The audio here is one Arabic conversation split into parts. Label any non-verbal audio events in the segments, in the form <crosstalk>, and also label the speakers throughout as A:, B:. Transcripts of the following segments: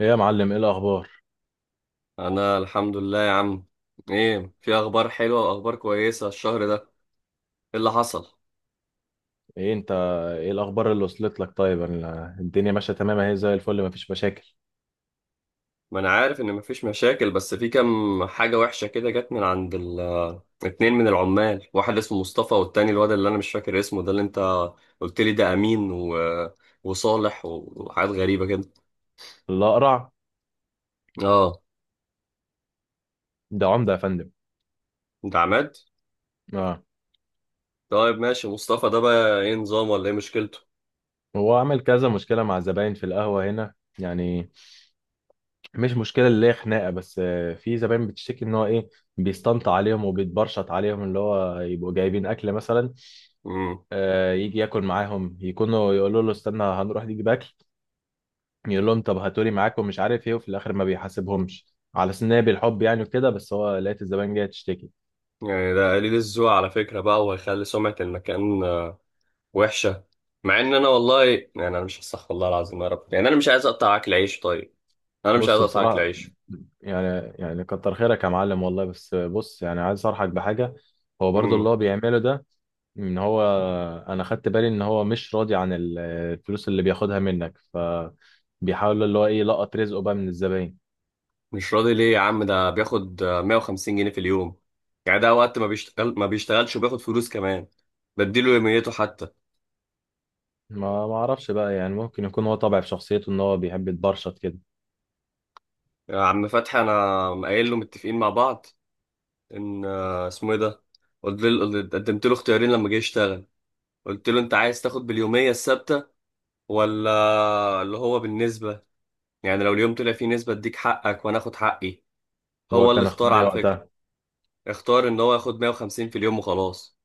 A: ايه يا معلم، ايه الاخبار؟
B: انا الحمد لله يا عم. ايه في اخبار حلوه واخبار كويسه الشهر ده، ايه اللي حصل؟
A: ايه انت؟ ايه الاخبار اللي وصلت لك؟ طيب الدنيا ماشيه تمام اهي زي الفل، مفيش مشاكل.
B: ما انا عارف ان مفيش مشاكل، بس في كام حاجه وحشه كده جت من عند اتنين من العمال. واحد اسمه مصطفى، والتاني الواد اللي انا مش فاكر اسمه ده اللي انت قلت لي ده امين وصالح وحاجات غريبه كده.
A: الاقرع
B: اه.
A: ده عمده يا فندم.
B: انت عماد؟
A: اه،
B: طيب ماشي، مصطفى ده بقى ايه نظام ولا ايه مشكلته؟
A: هو عمل كذا مشكله مع الزباين في القهوه هنا. يعني مش مشكله اللي هي خناقه، بس في زباين بتشتكي ان هو ايه، بيستنطع عليهم وبيتبرشط عليهم. اللي هو يبقوا جايبين اكل مثلا،
B: امم.
A: يجي ياكل معاهم، يكونوا يقولوا له استنى هنروح نجيب اكل، يقول لهم طب هاتولي معاكم مش عارف ايه، وفي الاخر ما بيحاسبهمش. على سناب بالحب يعني وكده، بس هو لقيت الزبائن جايه تشتكي.
B: يعني ده قليل الذوق على فكره بقى، وهيخلي سمعه المكان وحشه. مع ان انا والله، يعني انا مش هصح والله العظيم يا رب، يعني انا مش عايز اقطع اكل عيش. طيب انا مش عايز
A: بص
B: اقطع اكل
A: بصراحة،
B: عيش.
A: يعني كتر خيرك يا معلم والله، بس بص يعني عايز أصرحك بحاجة. هو برضو اللي
B: امم.
A: هو بيعمله ده، إن هو، أنا خدت بالي إن هو مش راضي عن الفلوس اللي بياخدها منك، فبيحاول اللي هو إيه، يلقط رزقه بقى من الزباين.
B: مش راضي ليه يا عم؟ ده بياخد 150 جنيه في اليوم، يعني ده وقت ما بيشتغل ما بيشتغلش وبياخد فلوس كمان، بديله يوميته حتى.
A: ما أعرفش بقى يعني، ممكن يكون هو طبع في شخصيته إن هو بيحب يتبرشط كده.
B: يا عم فتحي انا قايل له متفقين مع بعض، ان اسمه ايه ده، قلت له، قدمت له اختيارين لما جه يشتغل. قلت له انت عايز تاخد باليوميه الثابته، ولا اللي هو بالنسبه، يعني لو اليوم طلع فيه نسبه اديك حقك وانا اخد حقي. هو
A: هو
B: اللي
A: كان
B: اختار
A: اختاري
B: على فكرة،
A: وقتها.
B: اختار ان هو ياخد 150 في اليوم وخلاص.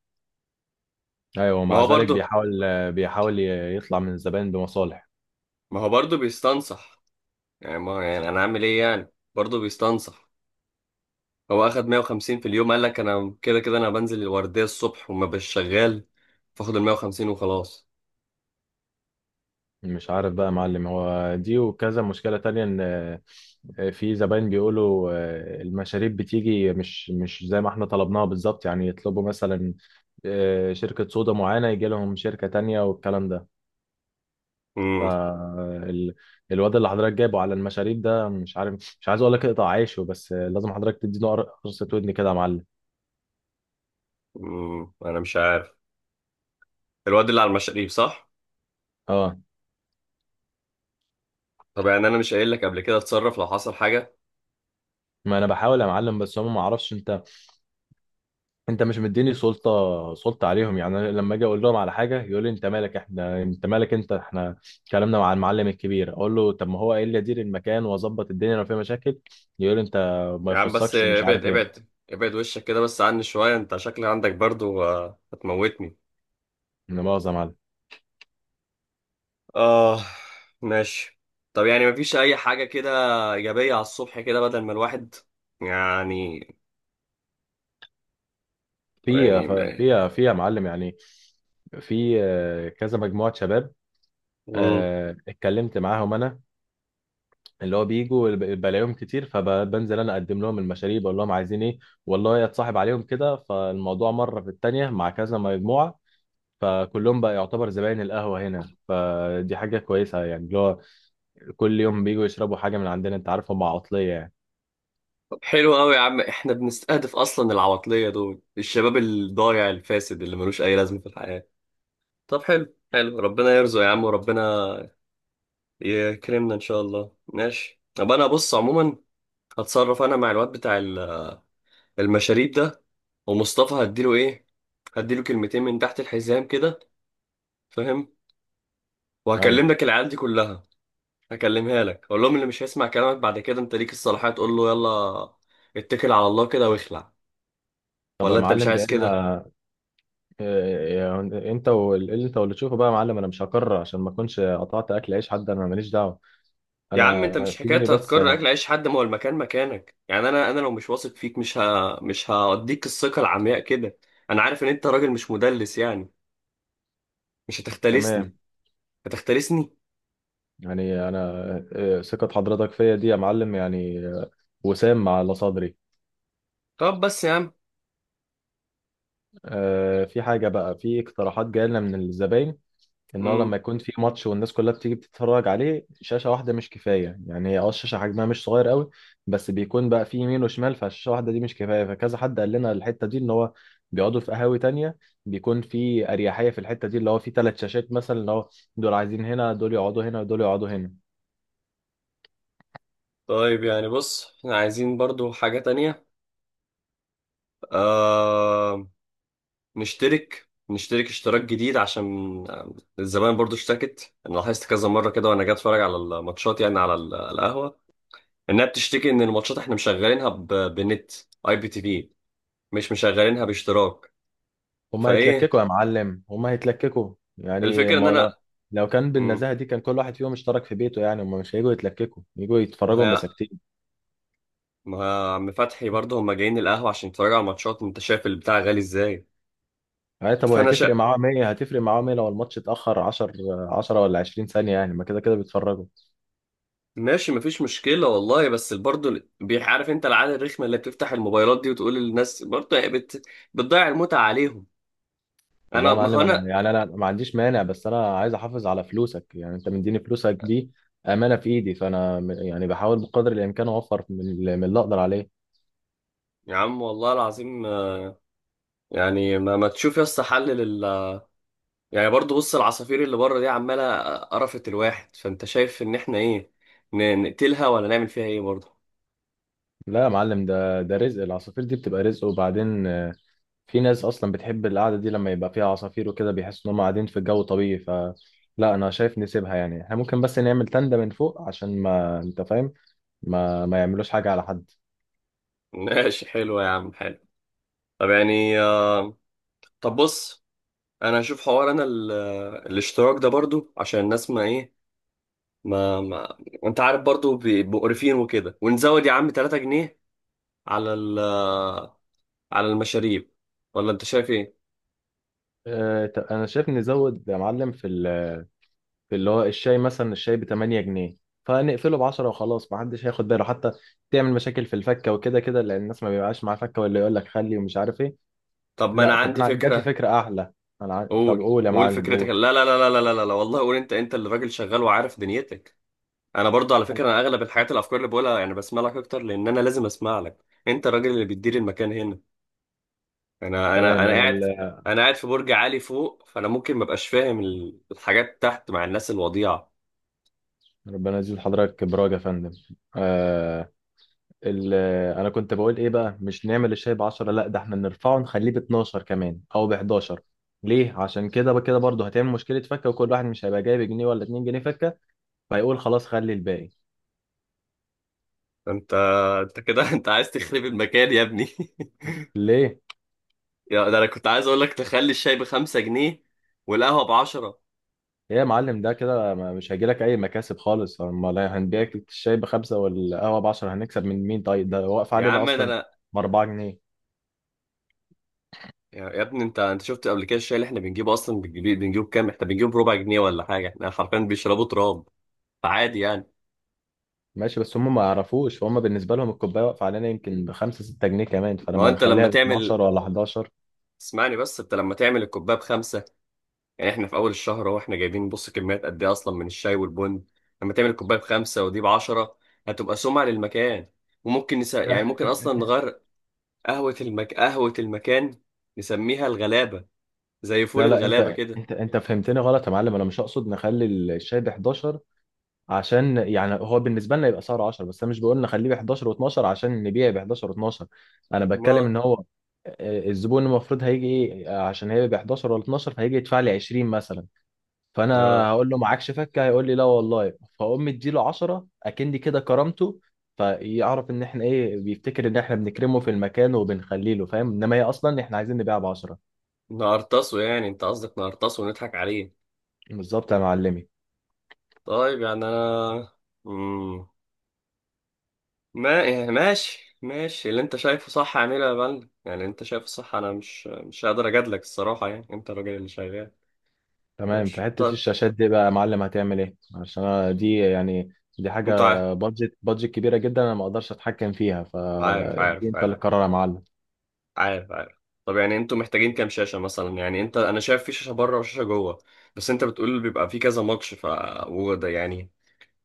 A: أيوه،
B: ما
A: ومع
B: هو
A: ذلك
B: برضه
A: بيحاول يطلع من الزباين بمصالح.
B: ما هو برضه بيستنصح. يعني، ما يعني انا اعمل ايه؟ يعني برضه بيستنصح. هو اخد 150 في اليوم قال لك انا كده كده انا بنزل الوردية الصبح وما بش شغال، فاخد ال 150 وخلاص.
A: مش عارف بقى يا معلم، هو دي وكذا مشكلة تانية، ان في زباين بيقولوا المشاريب بتيجي مش زي ما احنا طلبناها بالظبط. يعني يطلبوا مثلا شركة صودا معينة، يجي لهم شركة تانية والكلام ده.
B: امم.
A: آه، ال- الواد اللي حضرتك جايبه على المشاريب ده، مش عارف، مش عايز اقول لك اقطع عيشه، بس لازم حضرتك تديله قرصة ودن كده يا معلم.
B: امم. انا مش عارف، الواد اللي على المشاريب صح؟
A: اه.
B: طب يعني انا مش قايل لك قبل كده اتصرف لو حصل حاجة؟
A: ما انا بحاول يا معلم، بس هم ما اعرفش، انت انت مش مديني سلطه، سلطه عليهم. يعني أنا لما اجي اقول لهم على حاجه، يقول لي انت مالك، احنا انت مالك انت، احنا كلامنا مع المعلم الكبير. اقول له طب ما هو قايل لي ادير المكان واظبط الدنيا لو فيها مشاكل، يقول لي انت ما
B: يا عم بس
A: يخصكش ومش
B: ابعد
A: عارف ايه.
B: ابعد ابعد وشك كده بس عني شوية، انت شكلك عندك برضه هتموتني.
A: لا مؤاخذه يا معلم.
B: اه. ماشي. طب يعني مفيش اي حاجة كده ايجابية على الصبح كده، بدل ما الواحد يعني.
A: في
B: يعني.
A: في في يا معلم يعني، في كذا مجموعة شباب،
B: امم.
A: اتكلمت معاهم انا، اللي هو بيجوا بلاقيهم كتير، فبنزل انا اقدم لهم المشاريب، اقول لهم عايزين ايه. والله اتصاحب عليهم كده، فالموضوع مرة في التانية مع كذا مجموعة، فكلهم بقى يعتبر زباين القهوة هنا، فدي حاجة كويسة، يعني اللي هو كل يوم بيجوا يشربوا حاجة من عندنا، انت عارف هم عطلية يعني.
B: طب حلو قوي يا عم، احنا بنستهدف اصلا العواطلية دول، الشباب الضايع الفاسد اللي ملوش اي لازمة في الحياة. طب حلو حلو، ربنا يرزق يا عم، وربنا يكرمنا ان شاء الله. ماشي. طب انا بص، عموما هتصرف انا مع الواد بتاع المشاريب ده، ومصطفى هديله ايه، هديله كلمتين من تحت الحزام كده، فاهم؟
A: ايوه.
B: وهكلم لك العيال دي كلها، هكلمها لك، اقول لهم اللي مش هيسمع كلامك بعد كده انت ليك الصلاحيه تقول له يلا اتكل على الله كده واخلع.
A: طب يا
B: ولا انت مش
A: معلم،
B: عايز
A: جاي
B: كده؟
A: لنا يعني، انت واللي، انت واللي تشوفه بقى يا معلم. انا مش هكرر عشان ما اكونش قطعت اكل عيش حد، انا ماليش دعوة.
B: يا عم
A: انا.
B: انت مش حكايه
A: في بس.
B: هتكرر اكل عيش حد، ما هو المكان مكانك، يعني انا لو مش واثق فيك مش مش هديك الثقه العمياء كده. انا عارف ان انت راجل مش مدلس، يعني مش هتختلسني.
A: تمام.
B: هتختلسني؟
A: يعني انا ثقة حضرتك فيا دي يا معلم، يعني وسام على صدري.
B: طب بس يا عم.
A: في حاجة بقى، في اقتراحات جاية لنا من الزباين، ان هو
B: امم.
A: لما يكون في ماتش والناس كلها بتيجي بتتفرج عليه، شاشه واحده مش كفايه. يعني هي اه الشاشه حجمها مش صغير قوي، بس بيكون بقى في يمين وشمال، فالشاشه واحده دي مش كفايه. فكذا حد قال لنا الحته دي، ان هو بيقعدوا في قهاوي تانية، بيكون في اريحيه في الحته دي، اللي هو في 3 شاشات مثلا، اللي هو دول عايزين هنا، دول يقعدوا هنا، دول يقعدوا هنا.
B: طيب يعني بص، احنا عايزين برضو حاجه تانية، آه، نشترك اشتراك جديد، عشان الزمان برضو اشتكت، انا لاحظت كذا مره كده وانا جاي اتفرج على الماتشات، يعني على القهوه انها بتشتكي، ان الماتشات احنا مشغلينها بنت اي بي تي في، مش مشغلينها باشتراك،
A: هما
B: فايه
A: هيتلككوا يا معلم، هما هيتلككوا. يعني
B: الفكره ان
A: ما هو لو،
B: انا
A: لو كان
B: مم،
A: بالنزاهه دي، كان كل واحد فيهم اشترك في بيته. يعني هما مش هيجوا يتلككوا، يجوا
B: ما
A: يتفرجوا
B: هي
A: مساكتين.
B: ما هي عم فتحي، برضو هم جايين القهوه عشان يتفرجوا على الماتشات، انت شايف البتاع غالي ازاي.
A: أي طب
B: فانا شا...
A: هتفرق معاه 100، هتفرق معاه 100 لو الماتش اتأخر 10، ولا 20 ثانية؟ يعني ما كده كده بيتفرجوا.
B: ماشي مفيش مشكله والله، بس برضه بيعرف انت العاده الرخمه اللي بتفتح الموبايلات دي وتقول للناس، برضه هي بتضيع المتعه عليهم.
A: والله
B: انا
A: يا
B: ما هو
A: معلم أنا
B: انا،
A: يعني، أنا ما عنديش مانع، بس أنا عايز أحافظ على فلوسك. يعني أنت مديني فلوسك دي أمانة في إيدي، فأنا يعني بحاول بقدر الإمكان أوفر من من اللي أقدر عليه.
B: يا عم والله العظيم يعني ما تشوف يا اسطى حل يعني برضه، بص العصافير اللي بره دي عماله قرفت الواحد، فانت شايف ان احنا ايه، نقتلها ولا نعمل فيها ايه برضه؟
A: لا يا معلم، ده رزق، العصافير دي بتبقى رزق، وبعدين في ناس اصلا بتحب القعده دي لما يبقى فيها عصافير وكده، بيحسوا ان هم قاعدين في جو طبيعي. ف، لا انا شايف نسيبها. يعني احنا ممكن بس نعمل تندة من فوق، عشان ما انت فاهم، ما يعملوش حاجه على حد.
B: <laughs> ماشي حلو يا عم حلو. طب يعني طب بص، انا هشوف حوار انا الاشتراك ده برضه، عشان الناس ما ايه، ما انت عارف، برضه بيبقوا قرفين وكده، ونزود يا عم 3 جنيه على على المشاريب، ولا انت شايف ايه؟
A: انا شايف نزود يا معلم في في اللي هو الشاي مثلا، الشاي ب 8 جنيه، فنقفله ب 10 وخلاص، ما حدش هياخد باله حتى. تعمل مشاكل في الفكه، وكده كده لان الناس ما بيبقاش معاها فكه، ولا يقول لك خلي ومش عارف ايه.
B: طب ما انا
A: لا طب
B: عندي
A: انا جات لي
B: فكرة.
A: فكره احلى، طب
B: قول
A: قول يا
B: قول
A: معلم،
B: فكرتك.
A: قول.
B: لا لا لا لا لا لا لا والله، قول انت، انت اللي راجل شغال وعارف دنيتك. انا برضو على فكره، انا
A: أنا-
B: اغلب الحاجات، الافكار اللي بقولها، يعني بسمع لك اكتر، لان انا لازم اسمع لك، انت الراجل اللي بتدير المكان هنا. انا انا
A: تمام
B: انا
A: انا.
B: قاعد، انا قاعد في برج عالي فوق، فانا ممكن ما ابقاش فاهم الحاجات تحت مع الناس الوضيعه.
A: ربنا يزيد حضرتك براج يا فندم. آه، ال- انا كنت بقول ايه بقى، مش نعمل الشاي ب 10، لا ده احنا نرفعه نخليه ب 12 كمان، او ب 11. ليه؟ عشان كده بقى كده برضه هتعمل مشكله فكه، وكل واحد مش هيبقى جايب جنيه ولا 2 جنيه فكه، فيقول خلاص خلي الباقي.
B: انت انت كده <laughs> انت عايز تخرب المكان يا ابني.
A: ليه؟
B: <laughs> يا ده انا كنت عايز اقول لك تخلي الشاي بخمسة جنيه والقهوه بعشرة.
A: ايه يا معلم، ده كده مش هيجيلك اي مكاسب خالص. امال هنبيعك الشاي بخمسه والقهوه ب 10، هنكسب من مين طيب؟ ده واقف
B: يا
A: علينا
B: عم ده
A: اصلا
B: انا،
A: ب 4.
B: يا ابني، انت شفت قبل كده الشاي اللي احنا بنجيبه اصلا، بنجيبه بكام، احنا بنجيبه بربع جنيه ولا حاجه، احنا حرفيا بيشربوا تراب، فعادي يعني.
A: ماشي، بس هم ما يعرفوش، هم بالنسبة لهم الكوباية واقفة علينا يمكن بخمسة ستة جنيه كمان،
B: ما هو
A: فلما
B: انت لما
A: نخليها ب
B: تعمل
A: 12 ولا 11.
B: اسمعني بس، انت لما تعمل الكوبايه بخمسه، يعني احنا في اول الشهر اهو، احنا جايبين بص كميات قد ايه اصلا من الشاي والبن، لما تعمل الكوبايه بخمسه ودي بعشره هتبقى سمعه للمكان. وممكن
A: لا
B: يعني ممكن اصلا نغير قهوه قهوه المكان، نسميها الغلابه زي فول
A: لا
B: الغلابه
A: انت
B: كده.
A: انت انت فهمتني غلط يا معلم. انا مش اقصد نخلي الشاي ب 11، عشان يعني هو بالنسبه لنا يبقى سعره 10، بس انا مش بقول نخليه ب 11 و12 عشان نبيع ب 11 و12. انا بتكلم
B: ما
A: ان هو الزبون المفروض هيجي ايه، عشان هي ب 11 ولا 12، فهيجي يدفع لي 20 مثلا، فانا
B: اه
A: هقول له معاكش فكه، هيقول لي لا والله، فاقوم مديله 10، اكني كده كرمته. فيعرف ان احنا ايه، بيفتكر ان احنا بنكرمه في المكان وبنخليه له فاهم، انما هي اصلا احنا عايزين نبيع ب 10.
B: نقرطصه، يعني انت قصدك نقرطصه ونضحك عليه؟
A: بالظبط يا معلمي.
B: طيب يعني انا مم. ما يعني، ماشي ماشي، اللي انت شايفه صح اعمله يا بلد، يعني انت شايفه صح، انا مش هقدر اجادلك الصراحه، يعني انت الراجل اللي شغال.
A: تمام، في
B: ماشي
A: حته
B: طب.
A: الشاشات دي بقى يا معلم، هتعمل ايه؟ عشان أنا دي يعني، دي حاجه
B: عارف
A: بادجت، بادجت كبيره جدا، انا ما اقدرش اتحكم فيها،
B: عارف
A: فدي
B: عارف
A: انت
B: عارف
A: اللي قرر يا معلم.
B: عارف عارف. طب يعني انتوا محتاجين كام شاشه مثلا؟ يعني انت، انا شايف في شاشه بره وشاشه جوه، بس انت بتقول بيبقى في كذا ماتش ف، وده يعني،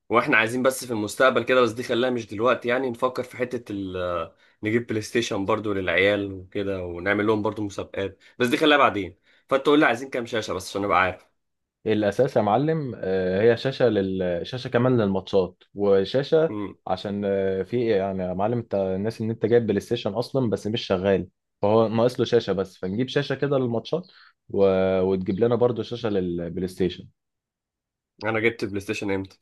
B: واحنا عايزين بس في المستقبل كده، بس دي خلاها مش دلوقتي يعني، نفكر في حتة ال آه، نجيب بلاي ستيشن برضو للعيال وكده، ونعمل لهم برضو مسابقات، بس دي خلاها بعدين. فانت قول لي عايزين كام شاشة، بس عشان ابقى عارف.
A: الاساس يا معلم هي شاشه لل، شاشه كمان للماتشات، وشاشه
B: امم.
A: عشان في إيه يعني يا معلم. انت الناس ان انت جايب بلاي ستيشن اصلا بس مش شغال، فهو ناقص له شاشه بس. فنجيب شاشه كده للماتشات، و... وتجيب لنا برضو شاشه للبلاي ستيشن.
B: انا جبت البلاي ستيشن امتى؟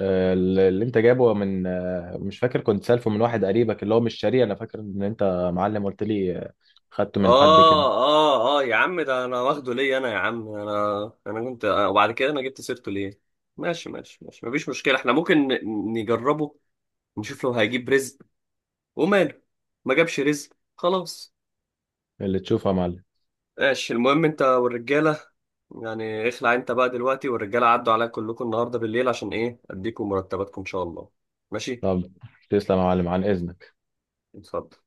A: اللي انت جايبه من، مش فاكر، كنت سالفه من واحد قريبك اللي هو مش شاريه. انا فاكر ان انت يا معلم قلت لي خدته من حد كده.
B: اه. اه. اه يا عم، ده انا واخده ليه؟ انا يا عم، انا كنت وبعد كده انا جبت سيرته ليه؟ ماشي ماشي ماشي، مفيش مشكلة، احنا ممكن نجربه، نشوف لو هيجيب رزق، وماله، ما جابش رزق خلاص.
A: اللي تشوفه يا معلم.
B: ماشي، المهم انت والرجالة، يعني اخلع انت بقى دلوقتي، والرجاله عدوا عليا كلكم النهارده بالليل عشان ايه، اديكم مرتباتكم ان شاء الله. ماشي.
A: طب تسلم يا معلم، عن اذنك.
B: اتفضل.